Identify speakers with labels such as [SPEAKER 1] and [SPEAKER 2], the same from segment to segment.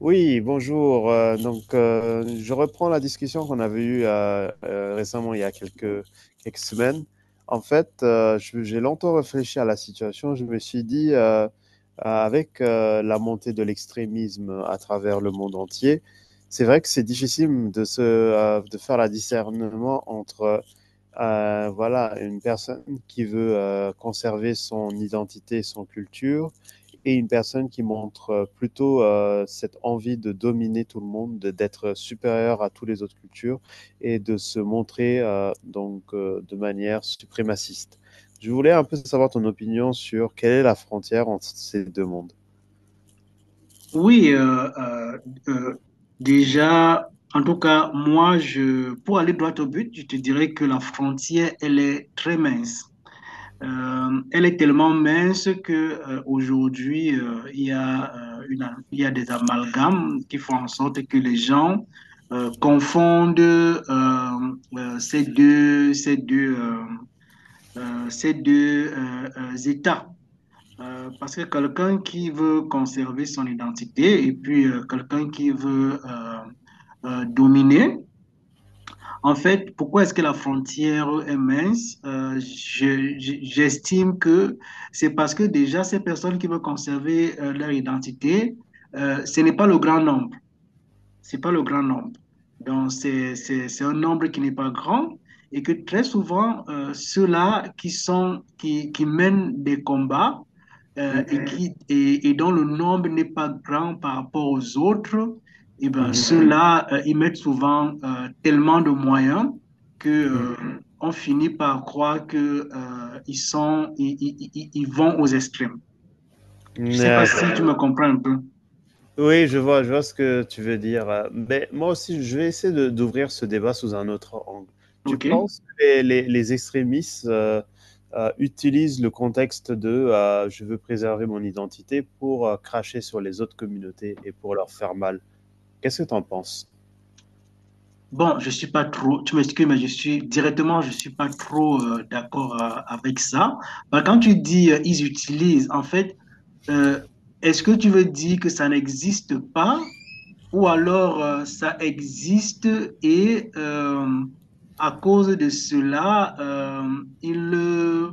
[SPEAKER 1] Oui, bonjour. Je reprends la discussion qu'on avait eue récemment, il y a quelques semaines. En fait, j'ai longtemps réfléchi à la situation. Je me suis dit, avec la montée de l'extrémisme à travers le monde entier, c'est vrai que c'est difficile de se, de faire la discernement entre, voilà, une personne qui veut conserver son identité, son culture et une personne qui montre plutôt cette envie de dominer tout le monde, d'être supérieur à toutes les autres cultures et de se montrer de manière suprémaciste. Je voulais un peu savoir ton opinion sur quelle est la frontière entre ces deux mondes.
[SPEAKER 2] Oui, euh, déjà, en tout cas, moi, pour aller droit au but, je te dirais que la frontière, elle est très mince. Elle est tellement mince que aujourd'hui, il y a, il y a des amalgames qui font en sorte que les gens confondent ces deux, ces deux, ces deux états. Parce que quelqu'un qui veut conserver son identité et puis quelqu'un qui veut dominer, en fait, pourquoi est-ce que la frontière est mince? J'estime que c'est parce que déjà ces personnes qui veulent conserver leur identité, ce n'est pas le grand nombre. C'est pas le grand nombre. Donc, c'est un nombre qui n'est pas grand et que très souvent, ceux-là qui mènent des combats
[SPEAKER 1] Mmh,
[SPEAKER 2] et dont le nombre n'est pas grand par rapport aux autres, et ben,
[SPEAKER 1] mmh,
[SPEAKER 2] ceux-là, ils mettent souvent tellement de moyens que
[SPEAKER 1] mmh.
[SPEAKER 2] on finit par croire que ils sont, ils- ils vont aux extrêmes. Je sais pas si
[SPEAKER 1] D'accord.
[SPEAKER 2] tu me comprends un peu.
[SPEAKER 1] Oui, je vois ce que tu veux dire. Mais moi aussi, je vais essayer d'ouvrir ce débat sous un autre angle. Tu
[SPEAKER 2] OK?
[SPEAKER 1] penses que les extrémistes utilisent le contexte de je veux préserver mon identité pour cracher sur les autres communautés et pour leur faire mal? Qu'est-ce que tu en penses?
[SPEAKER 2] Bon, je suis pas trop, tu m'excuses, mais je suis directement, je suis pas trop d'accord avec ça. Bah, quand tu dis ils utilisent, en fait, euh, est-ce que tu veux dire que ça n'existe pas ou alors ça existe et à cause de cela,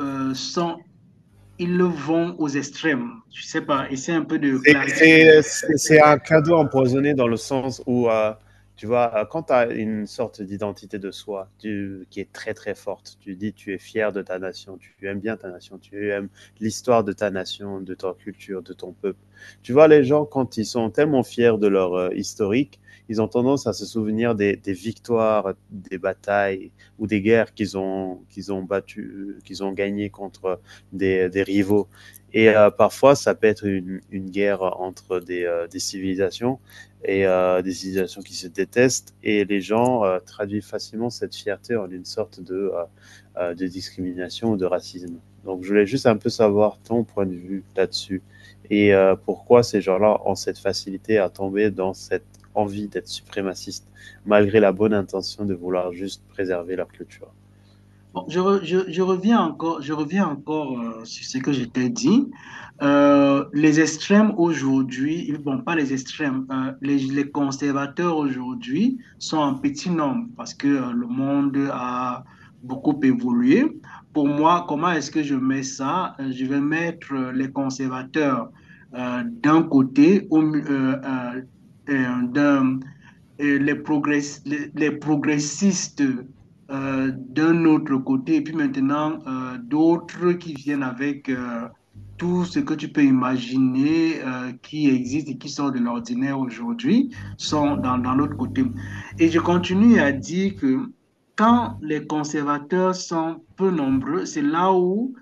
[SPEAKER 2] euh, sont, ils le vont aux extrêmes. Je sais pas, essaie un peu de
[SPEAKER 1] C'est
[SPEAKER 2] clarifier.
[SPEAKER 1] c'est un cadeau empoisonné dans le sens où, tu vois, quand tu as une sorte d'identité de soi qui est très très forte, tu dis tu es fier de ta nation, tu aimes bien ta nation, tu aimes l'histoire de ta nation, de ta culture, de ton peuple. Tu vois, les gens, quand ils sont tellement fiers de leur historique, ils ont tendance à se souvenir des victoires, des batailles ou des guerres qu'ils ont battues, qu'ils ont gagnées contre des rivaux. Et parfois, ça peut être une guerre entre des civilisations et des civilisations qui se détestent. Et les gens traduisent facilement cette fierté en une sorte de discrimination ou de racisme. Donc, je voulais juste un peu savoir ton point de vue là-dessus et pourquoi ces gens-là ont cette facilité à tomber dans cette envie d'être suprémaciste, malgré la bonne intention de vouloir juste préserver leur culture.
[SPEAKER 2] Bon, je reviens encore sur ce que je t'ai dit. Les extrêmes aujourd'hui, ils- Bon, pas les extrêmes, les conservateurs aujourd'hui sont en petit nombre parce que le monde a beaucoup évolué. Pour moi, comment est-ce que je mets ça? Je vais mettre les conservateurs d'un côté, au, mi- d'un les progress- les progressistes d'un autre côté, et puis maintenant d'autres qui viennent avec tout ce que tu peux imaginer qui existe et qui sort de l'ordinaire aujourd'hui, sont dans l'autre côté. Et je continue à dire que quand les conservateurs sont peu nombreux, c'est là où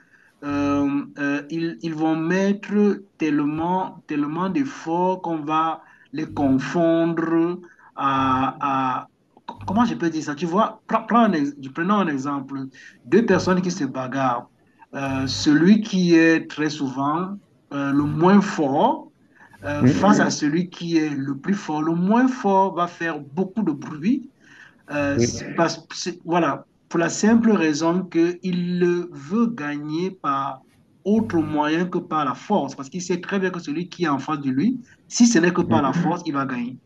[SPEAKER 2] ils vont mettre tellement, tellement d'efforts qu'on va les confondre à, à- comment je peux dire ça? Tu vois, prenons un exemple. Deux personnes qui se bagarrent. Celui qui est très souvent le moins fort
[SPEAKER 1] Mmh,
[SPEAKER 2] face à celui qui est le plus fort. Le moins fort va faire beaucoup de bruit.
[SPEAKER 1] oui.
[SPEAKER 2] Voilà, pour la simple raison qu'il le veut gagner par autre moyen que par la force, parce qu'il sait très bien que celui qui est en face de lui, si ce n'est que
[SPEAKER 1] Mmh.
[SPEAKER 2] par la force, il va gagner.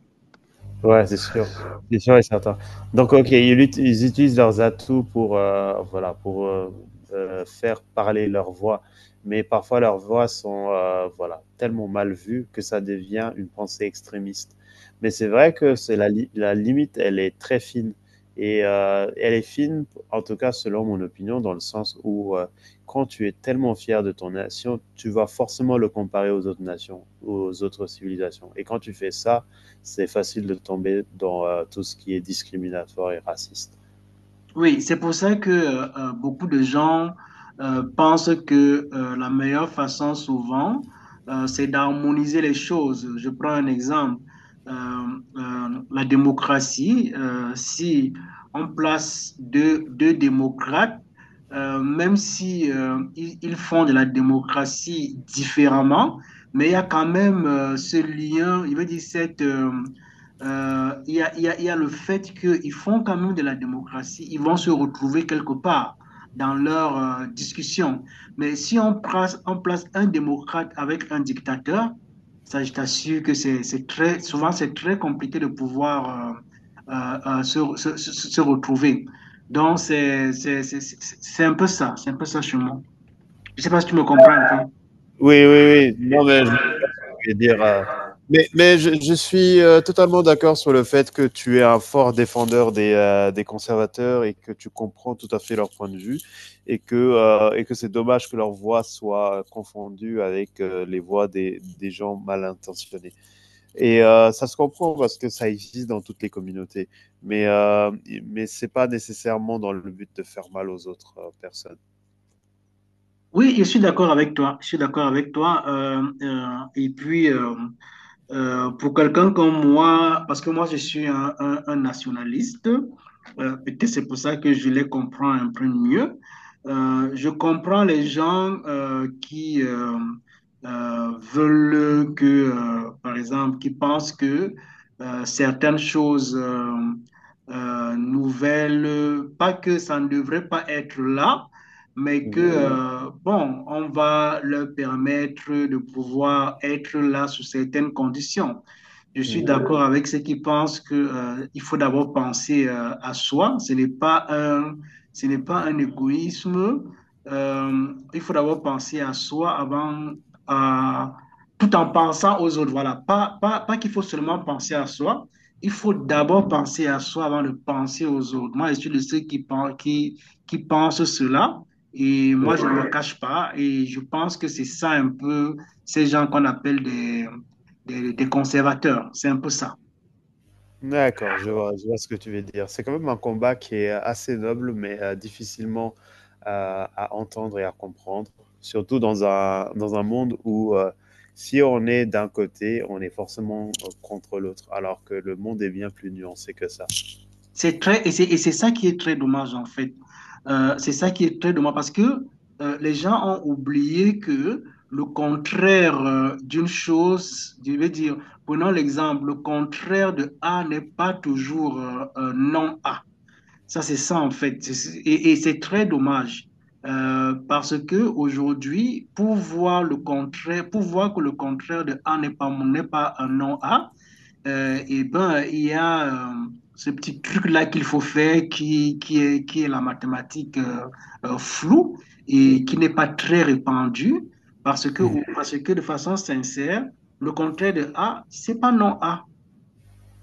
[SPEAKER 1] Ouais, c'est sûr. C'est sûr et certain. Donc, OK, ils utilisent leurs atouts pour, voilà, pour, faire parler leur voix. Mais parfois leurs voix sont, voilà, tellement mal vues que ça devient une pensée extrémiste. Mais c'est vrai que c'est la limite, elle est très fine et elle est fine, en tout cas selon mon opinion, dans le sens où, quand tu es tellement fier de ton nation, tu vas forcément le comparer aux autres nations, aux autres civilisations et quand tu fais ça, c'est facile de tomber dans tout ce qui est discriminatoire et raciste.
[SPEAKER 2] Oui, c'est pour ça que beaucoup de gens pensent que la meilleure façon souvent, c'est d'harmoniser les choses. Je prends un exemple. Euh, la démocratie, si on place deux démocrates, même si ils font de la démocratie différemment, mais il y a quand même ce lien, il veut dire il y a, il y a le fait qu'ils font quand même de la démocratie, ils vont se retrouver quelque part dans leur discussion. Mais si on place, on place un démocrate avec un dictateur, ça, je t'assure que c'est très, souvent, c'est très compliqué de pouvoir se retrouver. Donc, c'est un peu ça, c'est un peu ça chez moi. Je ne sais pas si tu me comprends un
[SPEAKER 1] Oui, oui, oui. Non, mais je vais dire.
[SPEAKER 2] peu.
[SPEAKER 1] Mais, je suis totalement d'accord sur le fait que tu es un fort défendeur des conservateurs et que tu comprends tout à fait leur point de vue et et que c'est dommage que leur voix soit confondue avec les voix des gens mal intentionnés. Et ça se comprend parce que ça existe dans toutes les communautés, mais euh, mais c'est pas nécessairement dans le but de faire mal aux autres personnes.
[SPEAKER 2] Oui, je suis d'accord avec toi. Je suis d'accord avec toi. Et puis, pour quelqu'un comme moi, parce que moi, je suis un nationaliste, peut-être c'est pour ça que je les comprends un peu mieux. Je comprends les gens qui veulent que, par exemple, qui pensent que certaines choses nouvelles, pas que ça ne devrait pas être là mais que,
[SPEAKER 1] Mmh
[SPEAKER 2] bon, on va leur permettre de pouvoir être là sous certaines conditions. Je suis
[SPEAKER 1] mh.
[SPEAKER 2] d'accord avec ceux qui pensent que, il faut d'abord penser à soi. Ce n'est pas un égoïsme. Il faut d'abord penser à soi avant, à- tout en pensant aux autres. Voilà. Pas qu'il faut seulement penser à soi. Il faut d'abord penser à soi avant de penser aux autres. Moi, je suis de ceux qui pensent cela. Et moi,
[SPEAKER 1] Oui,
[SPEAKER 2] je ne me cache pas. Et je pense que c'est ça un peu ces gens qu'on appelle des conservateurs. C'est un peu ça.
[SPEAKER 1] d'accord, je vois ce que tu veux dire. C'est quand même un combat qui est assez noble, mais difficilement à entendre et à comprendre, surtout dans un monde où, si on est d'un côté, on est forcément, contre l'autre, alors que le monde est bien plus nuancé que ça.
[SPEAKER 2] C'est ça qui est très dommage, en fait. C'est ça qui est très dommage parce que les gens ont oublié que le contraire d'une chose, je vais dire, prenons l'exemple, le contraire de A n'est pas toujours non A. Ça, c'est ça, en fait. Et c'est très dommage. Parce que aujourd'hui, pour voir le contraire, pour voir que le contraire de A n'est pas un non A, et ben, il y a ce petit truc-là qu'il faut faire qui est la mathématique floue et qui n'est pas très répandue
[SPEAKER 1] Mmh.
[SPEAKER 2] parce que de façon sincère, le contraire de A, c'est pas non A.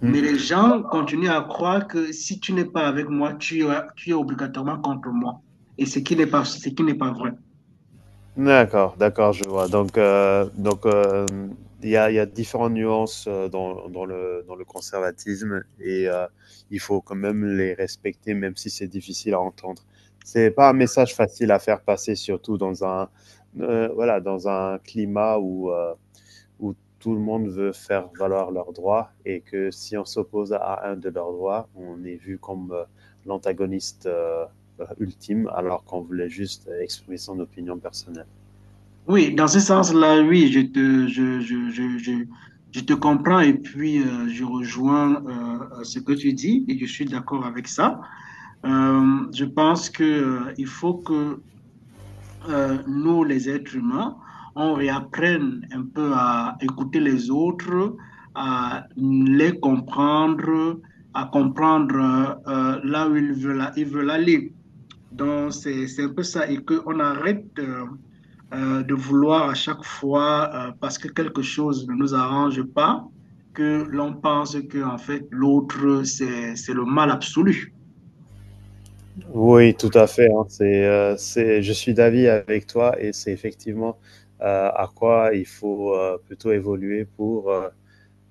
[SPEAKER 2] Mais les gens continuent à croire que si tu n'es pas avec moi, tu es obligatoirement contre moi. Ce qui n'est pas vrai.
[SPEAKER 1] D'accord, d'accord, je vois. Donc, il y a différentes nuances dans, dans le conservatisme et il faut quand même les respecter, même si c'est difficile à entendre. C'est pas un message facile à faire passer, surtout dans un, voilà, dans un climat où, où tout le monde veut faire valoir leurs droits et que si on s'oppose à un de leurs droits, on est vu comme l'antagoniste ultime, alors qu'on voulait juste exprimer son opinion personnelle.
[SPEAKER 2] Oui, dans ce sens-là, oui, je te comprends et puis je rejoins ce que tu dis et je suis d'accord avec ça. Je pense que il faut que nous, les êtres humains, on réapprenne un peu à écouter les autres, à les comprendre, à comprendre là où ils veulent aller. Donc, c'est un peu ça et qu'on arrête. De vouloir à chaque fois, parce que quelque chose ne nous arrange pas, que l'on pense que en fait l'autre, c'est le mal absolu.
[SPEAKER 1] Oui, tout à fait, hein. C'est je suis d'avis avec toi et c'est effectivement, à quoi il faut, plutôt évoluer heu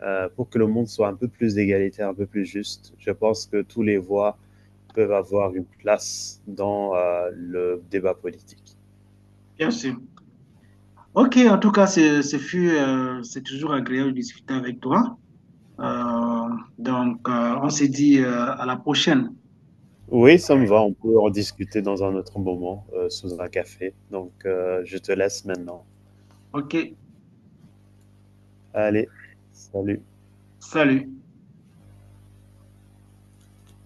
[SPEAKER 1] heu, pour que le monde soit un peu plus égalitaire, un peu plus juste. Je pense que tous les voix peuvent avoir une place dans, le débat politique.
[SPEAKER 2] Bien sûr. Ok, en tout cas, ce fut, c'est toujours agréable de discuter avec toi. Euh, donc, on se dit à la prochaine.
[SPEAKER 1] Oui, ça me va, on peut en discuter dans un autre moment, sous un café. Donc, je te laisse maintenant.
[SPEAKER 2] Ok,
[SPEAKER 1] Allez, salut.
[SPEAKER 2] salut.